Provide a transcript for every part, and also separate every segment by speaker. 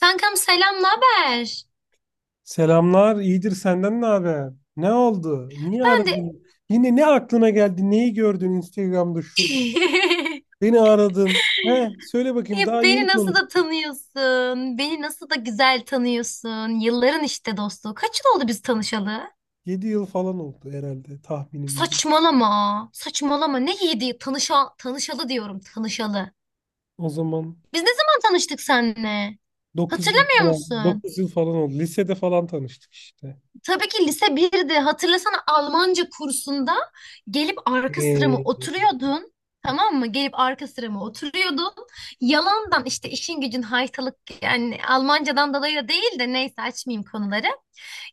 Speaker 1: Kankam selam, ne haber?
Speaker 2: Selamlar, iyidir senden ne haber? Ne oldu? Niye
Speaker 1: Ben de
Speaker 2: aradın? Yine ne aklına geldi? Neyi gördün Instagram'da şurada? Beni aradın. He, söyle bakayım
Speaker 1: ya
Speaker 2: daha
Speaker 1: beni
Speaker 2: yeni
Speaker 1: nasıl da
Speaker 2: konuştuk.
Speaker 1: tanıyorsun? Beni nasıl da güzel tanıyorsun? Yılların işte dostluğu. Kaç yıl oldu biz tanışalı?
Speaker 2: 7 yıl falan oldu herhalde tahminimce.
Speaker 1: Saçmalama. Saçmalama. Ne yedi? Tanışalı diyorum, tanışalı.
Speaker 2: O zaman
Speaker 1: Biz ne zaman tanıştık seninle?
Speaker 2: 9 yıl
Speaker 1: Hatırlamıyor
Speaker 2: falan,
Speaker 1: musun?
Speaker 2: 9 yıl falan oldu. Lisede falan tanıştık işte.
Speaker 1: Tabii ki lise birde hatırlasana Almanca kursunda gelip arka sırama
Speaker 2: Ee,
Speaker 1: oturuyordun.
Speaker 2: hat-
Speaker 1: Tamam mı? Gelip arka sırama oturuyordun. Yalandan işte işin gücün haytalık, yani Almancadan dolayı da değil de neyse açmayayım konuları.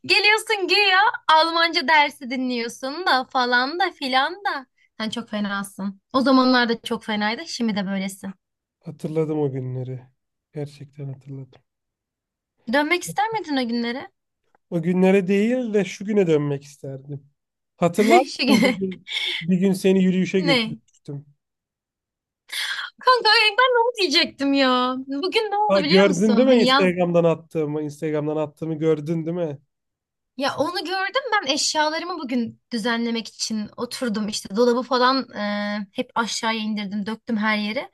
Speaker 1: Geliyorsun güya Almanca dersi dinliyorsun da falan da filan da. Sen çok fenasın. O zamanlarda çok fenaydı. Şimdi de böylesin.
Speaker 2: hatırladım o günleri. Gerçekten hatırladım.
Speaker 1: Dönmek ister miydin o günlere?
Speaker 2: O günlere değil de şu güne dönmek isterdim. Hatırlar
Speaker 1: Şu
Speaker 2: mısın
Speaker 1: güne.
Speaker 2: bir gün seni yürüyüşe
Speaker 1: Ne?
Speaker 2: götürmüştüm.
Speaker 1: Kanka ay ben de onu diyecektim ya. Bugün ne
Speaker 2: Ha,
Speaker 1: oldu biliyor
Speaker 2: gördün
Speaker 1: musun?
Speaker 2: değil mi
Speaker 1: Hani yaz
Speaker 2: Instagram'dan attığımı? Instagram'dan attığımı gördün değil mi?
Speaker 1: ya onu gördüm, ben eşyalarımı bugün düzenlemek için oturdum işte dolabı falan hep aşağıya indirdim döktüm her yere.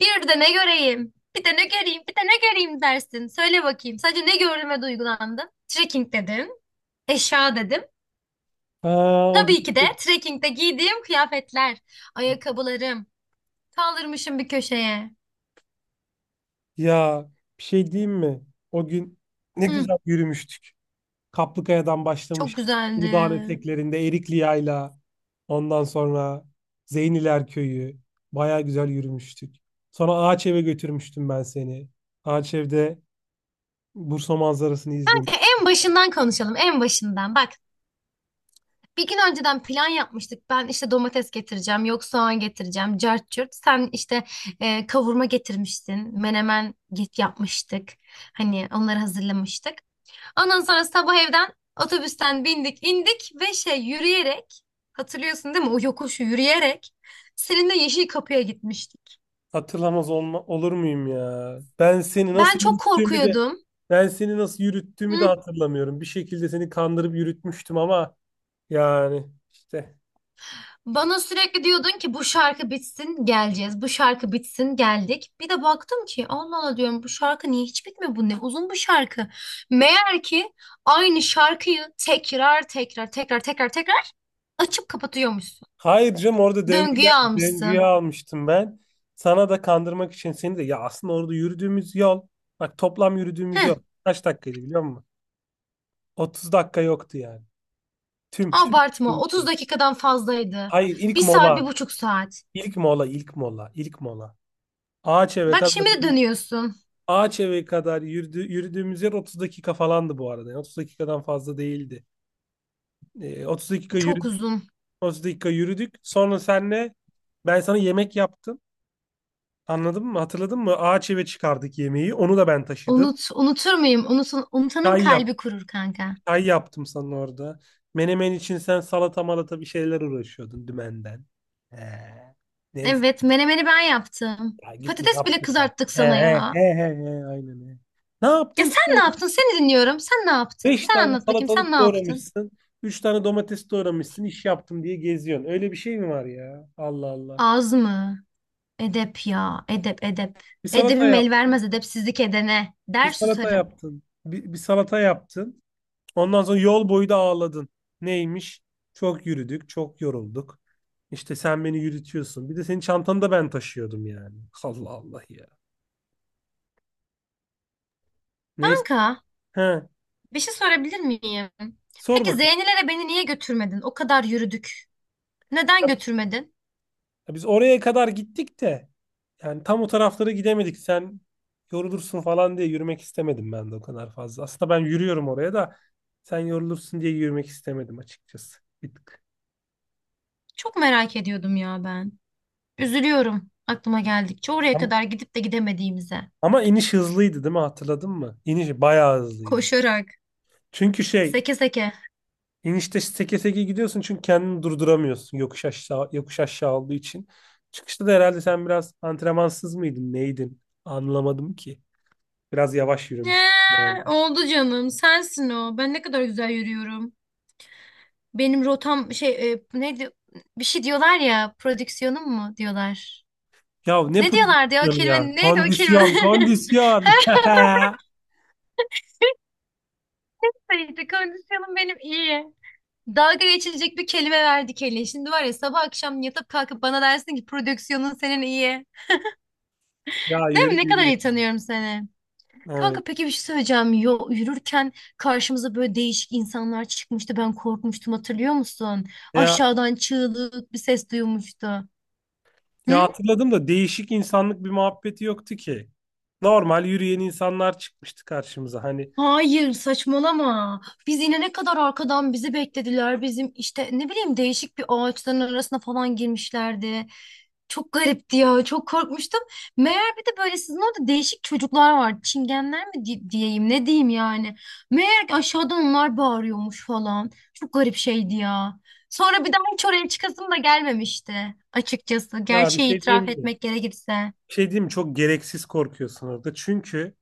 Speaker 1: Bir de ne göreyim? Bir de ne göreyim? Bir de ne göreyim dersin. Söyle bakayım. Sadece ne gördüğüme duygulandım? Trekking dedim, eşya dedim.
Speaker 2: Ha, o gün
Speaker 1: Tabii ki de trekkingde giydiğim kıyafetler, ayakkabılarım. Kaldırmışım bir köşeye.
Speaker 2: ya bir şey diyeyim mi? O gün ne
Speaker 1: Hı,
Speaker 2: güzel yürümüştük. Kaplıkaya'dan
Speaker 1: çok
Speaker 2: başlamış.
Speaker 1: güzeldi.
Speaker 2: Uludağ'ın eteklerinde Erikli Yayla. Ondan sonra Zeyniler Köyü. Baya güzel yürümüştük. Sonra Ağaçev'e götürmüştüm ben seni. Ağaçev'de Bursa manzarasını izlemiştik.
Speaker 1: En başından konuşalım, en başından. Bak, bir gün önceden plan yapmıştık. Ben işte domates getireceğim, yok soğan getireceğim, cart curt. Sen işte kavurma getirmiştin, menemen git yapmıştık. Hani onları hazırlamıştık. Ondan sonra sabah evden otobüsten bindik, indik ve şey yürüyerek, hatırlıyorsun değil mi? O yokuşu yürüyerek seninle Yeşil Kapı'ya gitmiştik.
Speaker 2: Hatırlamaz olma, olur muyum ya? Ben seni nasıl
Speaker 1: Ben çok
Speaker 2: yürüttüğümü de
Speaker 1: korkuyordum.
Speaker 2: hatırlamıyorum. Bir şekilde seni kandırıp yürütmüştüm ama yani işte.
Speaker 1: Bana sürekli diyordun ki bu şarkı bitsin geleceğiz. Bu şarkı bitsin geldik. Bir de baktım ki Allah Allah diyorum bu şarkı niye hiç bitmiyor? Bu ne uzun bu şarkı. Meğer ki aynı şarkıyı tekrar tekrar açıp kapatıyormuşsun.
Speaker 2: Hayır canım orada döngüye,
Speaker 1: Döngüye
Speaker 2: döngüye
Speaker 1: almışsın.
Speaker 2: almıştım ben. Sana da kandırmak için seni de ya aslında orada yürüdüğümüz yol, bak toplam yürüdüğümüz
Speaker 1: Heh,
Speaker 2: yol kaç dakikaydı biliyor musun? 30 dakika yoktu yani. Tüm
Speaker 1: abartma
Speaker 2: yürüdüğümüz
Speaker 1: 30
Speaker 2: yol.
Speaker 1: dakikadan fazlaydı.
Speaker 2: Hayır
Speaker 1: Bir
Speaker 2: ilk
Speaker 1: saat
Speaker 2: mola.
Speaker 1: bir buçuk saat.
Speaker 2: İlk mola, ilk mola, ilk mola. Ağaç eve
Speaker 1: Bak
Speaker 2: kadar
Speaker 1: şimdi de dönüyorsun.
Speaker 2: Ağaç eve kadar yürüdüğümüz yer 30 dakika falandı bu arada. Yani 30 dakikadan fazla değildi. 30 dakika
Speaker 1: Çok
Speaker 2: yürüdük,
Speaker 1: uzun.
Speaker 2: 30 dakika yürüdük. Sonra senle ben sana yemek yaptım. Anladın mı? Hatırladın mı? Ağaç eve çıkardık yemeği. Onu da ben taşıdım.
Speaker 1: Unut, unutur muyum? Unutun, unutanın
Speaker 2: Çay yap,
Speaker 1: kalbi kurur kanka.
Speaker 2: çay yaptım sana orada. Menemen için sen salata malata bir şeyler uğraşıyordun dümenden. He. Neyse,
Speaker 1: Evet, menemeni ben yaptım.
Speaker 2: ya git ne
Speaker 1: Patates bile
Speaker 2: yaptın?
Speaker 1: kızarttık
Speaker 2: He
Speaker 1: sana
Speaker 2: he
Speaker 1: ya.
Speaker 2: he he he aynen he. Ne
Speaker 1: Ya
Speaker 2: yaptın
Speaker 1: sen
Speaker 2: sen?
Speaker 1: ne yaptın? Seni dinliyorum. Sen ne yaptın?
Speaker 2: Beş
Speaker 1: Sen
Speaker 2: tane
Speaker 1: anlat bakayım. Sen ne
Speaker 2: salatalık
Speaker 1: yaptın?
Speaker 2: doğramışsın. Üç tane domates doğramışsın. İş yaptım diye geziyorsun. Öyle bir şey mi var ya? Allah Allah.
Speaker 1: Az mı? Edep ya. Edep, edep.
Speaker 2: Bir salata
Speaker 1: Edebim el
Speaker 2: yap.
Speaker 1: vermez edepsizlik edene.
Speaker 2: Bir
Speaker 1: Der
Speaker 2: salata
Speaker 1: susarım.
Speaker 2: yaptın. Bir salata yaptın. Ondan sonra yol boyu da ağladın. Neymiş? Çok yürüdük, çok yorulduk. İşte sen beni yürütüyorsun. Bir de senin çantanı da ben taşıyordum yani. Allah Allah ya. Neyse.
Speaker 1: Kanka,
Speaker 2: He.
Speaker 1: bir şey sorabilir miyim?
Speaker 2: Sor
Speaker 1: Peki
Speaker 2: bakalım.
Speaker 1: Zeynelere beni niye götürmedin? O kadar yürüdük. Neden götürmedin?
Speaker 2: Ya, biz oraya kadar gittik de yani tam o taraflara gidemedik. Sen yorulursun falan diye yürümek istemedim ben de o kadar fazla. Aslında ben yürüyorum oraya da sen yorulursun diye yürümek istemedim açıkçası. Bir tık.
Speaker 1: Çok merak ediyordum ya ben. Üzülüyorum aklıma geldikçe. Oraya
Speaker 2: Ama,
Speaker 1: kadar gidip de gidemediğimize.
Speaker 2: ama iniş hızlıydı değil mi? Hatırladın mı? İniş bayağı hızlıydı.
Speaker 1: Koşarak,
Speaker 2: Çünkü
Speaker 1: seke seke.
Speaker 2: inişte seke seke gidiyorsun, çünkü kendini durduramıyorsun yokuş aşağı yokuş aşağı olduğu için. Çıkışta da herhalde sen biraz antrenmansız mıydın, neydin? Anlamadım ki. Biraz yavaş
Speaker 1: Ee,
Speaker 2: yürümüştün.
Speaker 1: Oldu canım. Sensin o. Ben ne kadar güzel yürüyorum. Benim rotam şey neydi? Bir şey diyorlar ya. Prodüksiyonum mu diyorlar.
Speaker 2: Ya ne
Speaker 1: Ne diyorlardı ya o
Speaker 2: pozisyonu ya?
Speaker 1: kelime? Neydi o kelime?
Speaker 2: Kondisyon, kondisyon.
Speaker 1: Her neyse kondisyonum benim iyi. Dalga geçilecek bir kelime verdik hele. Şimdi var ya sabah akşam yatıp kalkıp bana dersin ki prodüksiyonun senin iyi.
Speaker 2: Ya
Speaker 1: Değil mi?
Speaker 2: yürü
Speaker 1: Ne kadar
Speaker 2: yürü.
Speaker 1: iyi tanıyorum seni.
Speaker 2: Evet.
Speaker 1: Kanka peki bir şey söyleyeceğim. Yo, yürürken karşımıza böyle değişik insanlar çıkmıştı. Ben korkmuştum hatırlıyor musun?
Speaker 2: Ya,
Speaker 1: Aşağıdan çığlık bir ses duymuştu. Hı?
Speaker 2: ya, hatırladım da değişik insanlık bir muhabbeti yoktu ki. Normal yürüyen insanlar çıkmıştı karşımıza. Hani
Speaker 1: Hayır saçmalama. Biz inene kadar arkadan bizi beklediler. Bizim işte ne bileyim değişik bir ağaçların arasına falan girmişlerdi. Çok garipti ya. Çok korkmuştum. Meğer bir de böyle sizin orada değişik çocuklar var. Diyeyim ne diyeyim yani. Meğer ki aşağıdan onlar bağırıyormuş falan. Çok garip şeydi ya. Sonra bir daha hiç oraya çıkasım da gelmemişti açıkçası.
Speaker 2: ya bir
Speaker 1: Gerçeği
Speaker 2: şey diyeyim
Speaker 1: itiraf
Speaker 2: mi?
Speaker 1: etmek gerekirse.
Speaker 2: Bir şey diyeyim mi? Çok gereksiz korkuyorsun orada. Çünkü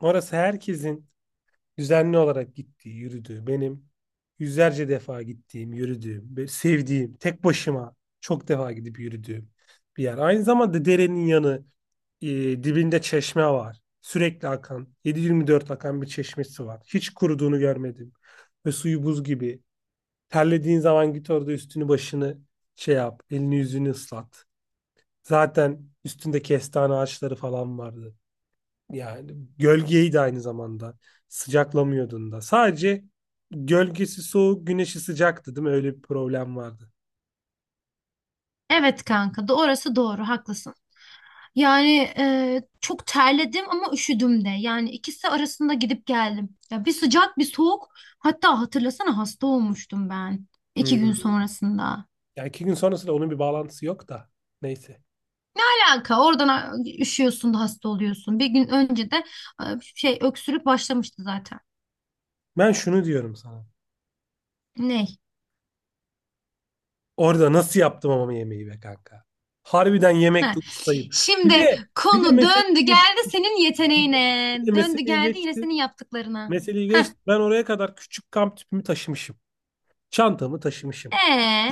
Speaker 2: orası herkesin düzenli olarak gittiği, yürüdüğü, benim yüzlerce defa gittiğim, yürüdüğüm ve sevdiğim, tek başıma çok defa gidip yürüdüğüm bir yer. Aynı zamanda derenin yanı, e, dibinde çeşme var. Sürekli akan, 7-24 akan bir çeşmesi var. Hiç kuruduğunu görmedim. Ve suyu buz gibi. Terlediğin zaman git orada üstünü başını şey yap, elini yüzünü ıslat. Zaten üstünde kestane ağaçları falan vardı. Yani gölgeyi de aynı zamanda sıcaklamıyordun da. Sadece gölgesi soğuk, güneşi sıcaktı değil mi? Öyle bir problem vardı.
Speaker 1: Evet kanka, orası doğru, haklısın. Yani çok terledim ama üşüdüm de. Yani ikisi arasında gidip geldim. Ya bir sıcak bir soğuk. Hatta hatırlasana hasta olmuştum ben. İki gün
Speaker 2: Hmm.
Speaker 1: sonrasında.
Speaker 2: Yani iki gün sonrasında onun bir bağlantısı yok da. Neyse.
Speaker 1: Alaka oradan a- Üşüyorsun da hasta oluyorsun. Bir gün önce de e, şey öksürük başlamıştı zaten.
Speaker 2: Ben şunu diyorum sana.
Speaker 1: Ney?
Speaker 2: Orada nasıl yaptım ama yemeği be kanka. Harbiden yemekte
Speaker 1: Ha.
Speaker 2: ustayım. Bir
Speaker 1: Şimdi
Speaker 2: de bir de
Speaker 1: konu döndü geldi senin
Speaker 2: bir de,
Speaker 1: yeteneğine.
Speaker 2: bir de
Speaker 1: Döndü
Speaker 2: meseleyi
Speaker 1: geldi yine
Speaker 2: geçti.
Speaker 1: senin yaptıklarına.
Speaker 2: Meseleyi
Speaker 1: Heh.
Speaker 2: geçti. Ben oraya kadar küçük kamp tüpümü taşımışım. Çantamı taşımışım.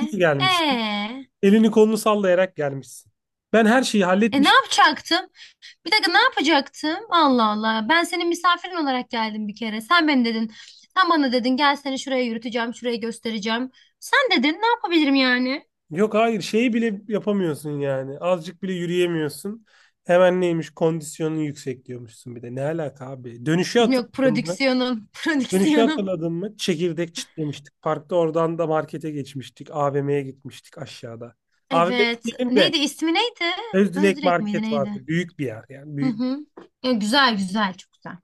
Speaker 2: İyi ki gelmişsin.
Speaker 1: e,
Speaker 2: Elini kolunu sallayarak gelmişsin. Ben her şeyi
Speaker 1: Ne
Speaker 2: halletmişim.
Speaker 1: yapacaktım? Bir dakika ne yapacaktım? Allah Allah. Ben senin misafirin olarak geldim bir kere. Sen beni dedin. Sen bana dedin gel seni şuraya yürüteceğim, şuraya göstereceğim. Sen dedin ne yapabilirim yani?
Speaker 2: Yok hayır, şeyi bile yapamıyorsun yani. Azıcık bile yürüyemiyorsun. Hemen neymiş kondisyonun yüksek diyormuşsun bir de. Ne alaka abi? Dönüşü
Speaker 1: Yok
Speaker 2: hatırladın mı?
Speaker 1: prodüksiyonum,
Speaker 2: Dönüşü
Speaker 1: prodüksiyonum.
Speaker 2: hatırladın mı? Çekirdek çitlemiştik. Parkta, oradan da markete geçmiştik. AVM'ye gitmiştik aşağıda. AVM'de
Speaker 1: Evet.
Speaker 2: değilim de,
Speaker 1: Neydi ismi neydi?
Speaker 2: Özdilek
Speaker 1: Özdirek miydi
Speaker 2: Market
Speaker 1: neydi?
Speaker 2: vardı. Büyük bir yer yani.
Speaker 1: Hı hı. Ya, güzel güzel çok güzel.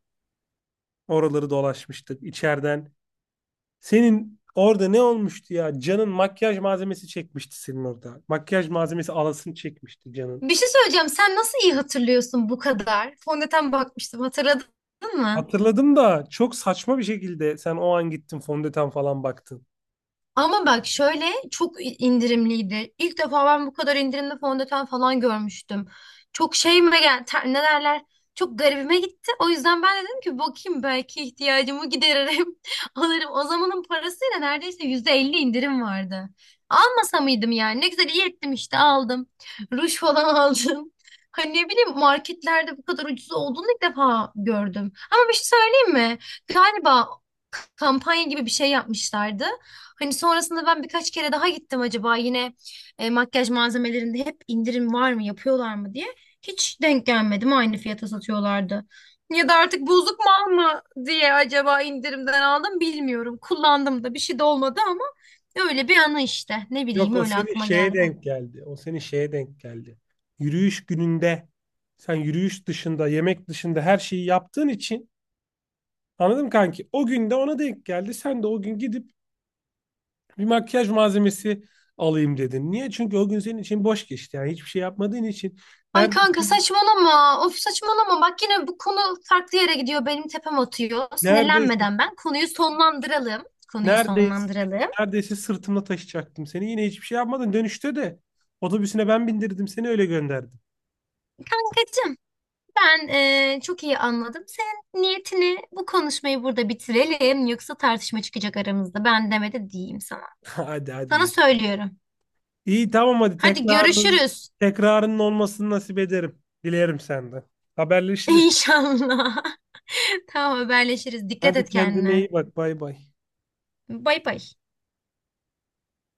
Speaker 2: Oraları dolaşmıştık içeriden. Senin orada ne olmuştu ya? Can'ın makyaj malzemesi çekmişti senin orada. Makyaj malzemesi alasını çekmişti Can'ın.
Speaker 1: Bir şey söyleyeceğim. Sen nasıl iyi hatırlıyorsun bu kadar? Fondöten bakmıştım hatırladın mı?
Speaker 2: Hatırladım da çok saçma bir şekilde sen o an gittin fondöten falan baktın.
Speaker 1: Ama bak şöyle çok indirimliydi. İlk defa ben bu kadar indirimli fondöten falan görmüştüm. Çok şeyime gel ter- Ne derler? Çok garibime gitti. O yüzden ben dedim ki bakayım belki ihtiyacımı gideririm. Alırım. O zamanın parasıyla neredeyse %50 indirim vardı. Almasa mıydım yani? Ne güzel iyi ettim işte aldım. Ruj falan aldım. Hani ne bileyim marketlerde bu kadar ucuz olduğunu ilk defa gördüm. Ama bir şey söyleyeyim mi? Galiba kampanya gibi bir şey yapmışlardı. Hani sonrasında ben birkaç kere daha gittim acaba yine makyaj malzemelerinde hep indirim var mı yapıyorlar mı diye. Hiç denk gelmedim aynı fiyata satıyorlardı. Ya da artık bozuk mal mı diye acaba indirimden aldım bilmiyorum. Kullandım da bir şey de olmadı ama öyle bir anı işte. Ne bileyim
Speaker 2: Yok, o
Speaker 1: öyle
Speaker 2: seni
Speaker 1: aklıma
Speaker 2: şeye
Speaker 1: geldi.
Speaker 2: denk geldi. O seni şeye denk geldi. Yürüyüş gününde sen yürüyüş dışında, yemek dışında her şeyi yaptığın için anladım kanki. O gün de ona denk geldi. Sen de o gün gidip bir makyaj malzemesi alayım dedin. Niye? Çünkü o gün senin için boş geçti. Yani hiçbir şey yapmadığın için
Speaker 1: Ay kanka
Speaker 2: neredeyse,
Speaker 1: saçmalama. Of saçmalama. Bak yine bu konu farklı yere gidiyor. Benim tepem atıyor.
Speaker 2: neredeyse
Speaker 1: Sinirlenmeden ben konuyu sonlandıralım. Konuyu
Speaker 2: Neredeyse
Speaker 1: sonlandıralım.
Speaker 2: neredeyse sırtımda taşıyacaktım seni. Yine hiçbir şey yapmadın. Dönüşte de otobüsüne ben bindirdim, seni öyle gönderdim.
Speaker 1: Kankacığım, ben çok iyi anladım. Senin niyetini bu konuşmayı burada bitirelim. Yoksa tartışma çıkacak aramızda. Ben demedi diyeyim sana.
Speaker 2: Hadi hadi
Speaker 1: Sana
Speaker 2: ya.
Speaker 1: söylüyorum.
Speaker 2: İyi tamam, hadi
Speaker 1: Hadi görüşürüz.
Speaker 2: tekrarının olmasını nasip ederim. Dilerim senden. Haberleşiriz.
Speaker 1: İnşallah. Tamam haberleşiriz. Dikkat
Speaker 2: Hadi
Speaker 1: et
Speaker 2: kendine
Speaker 1: kendine.
Speaker 2: iyi bak. Bay bay.
Speaker 1: Bay bay.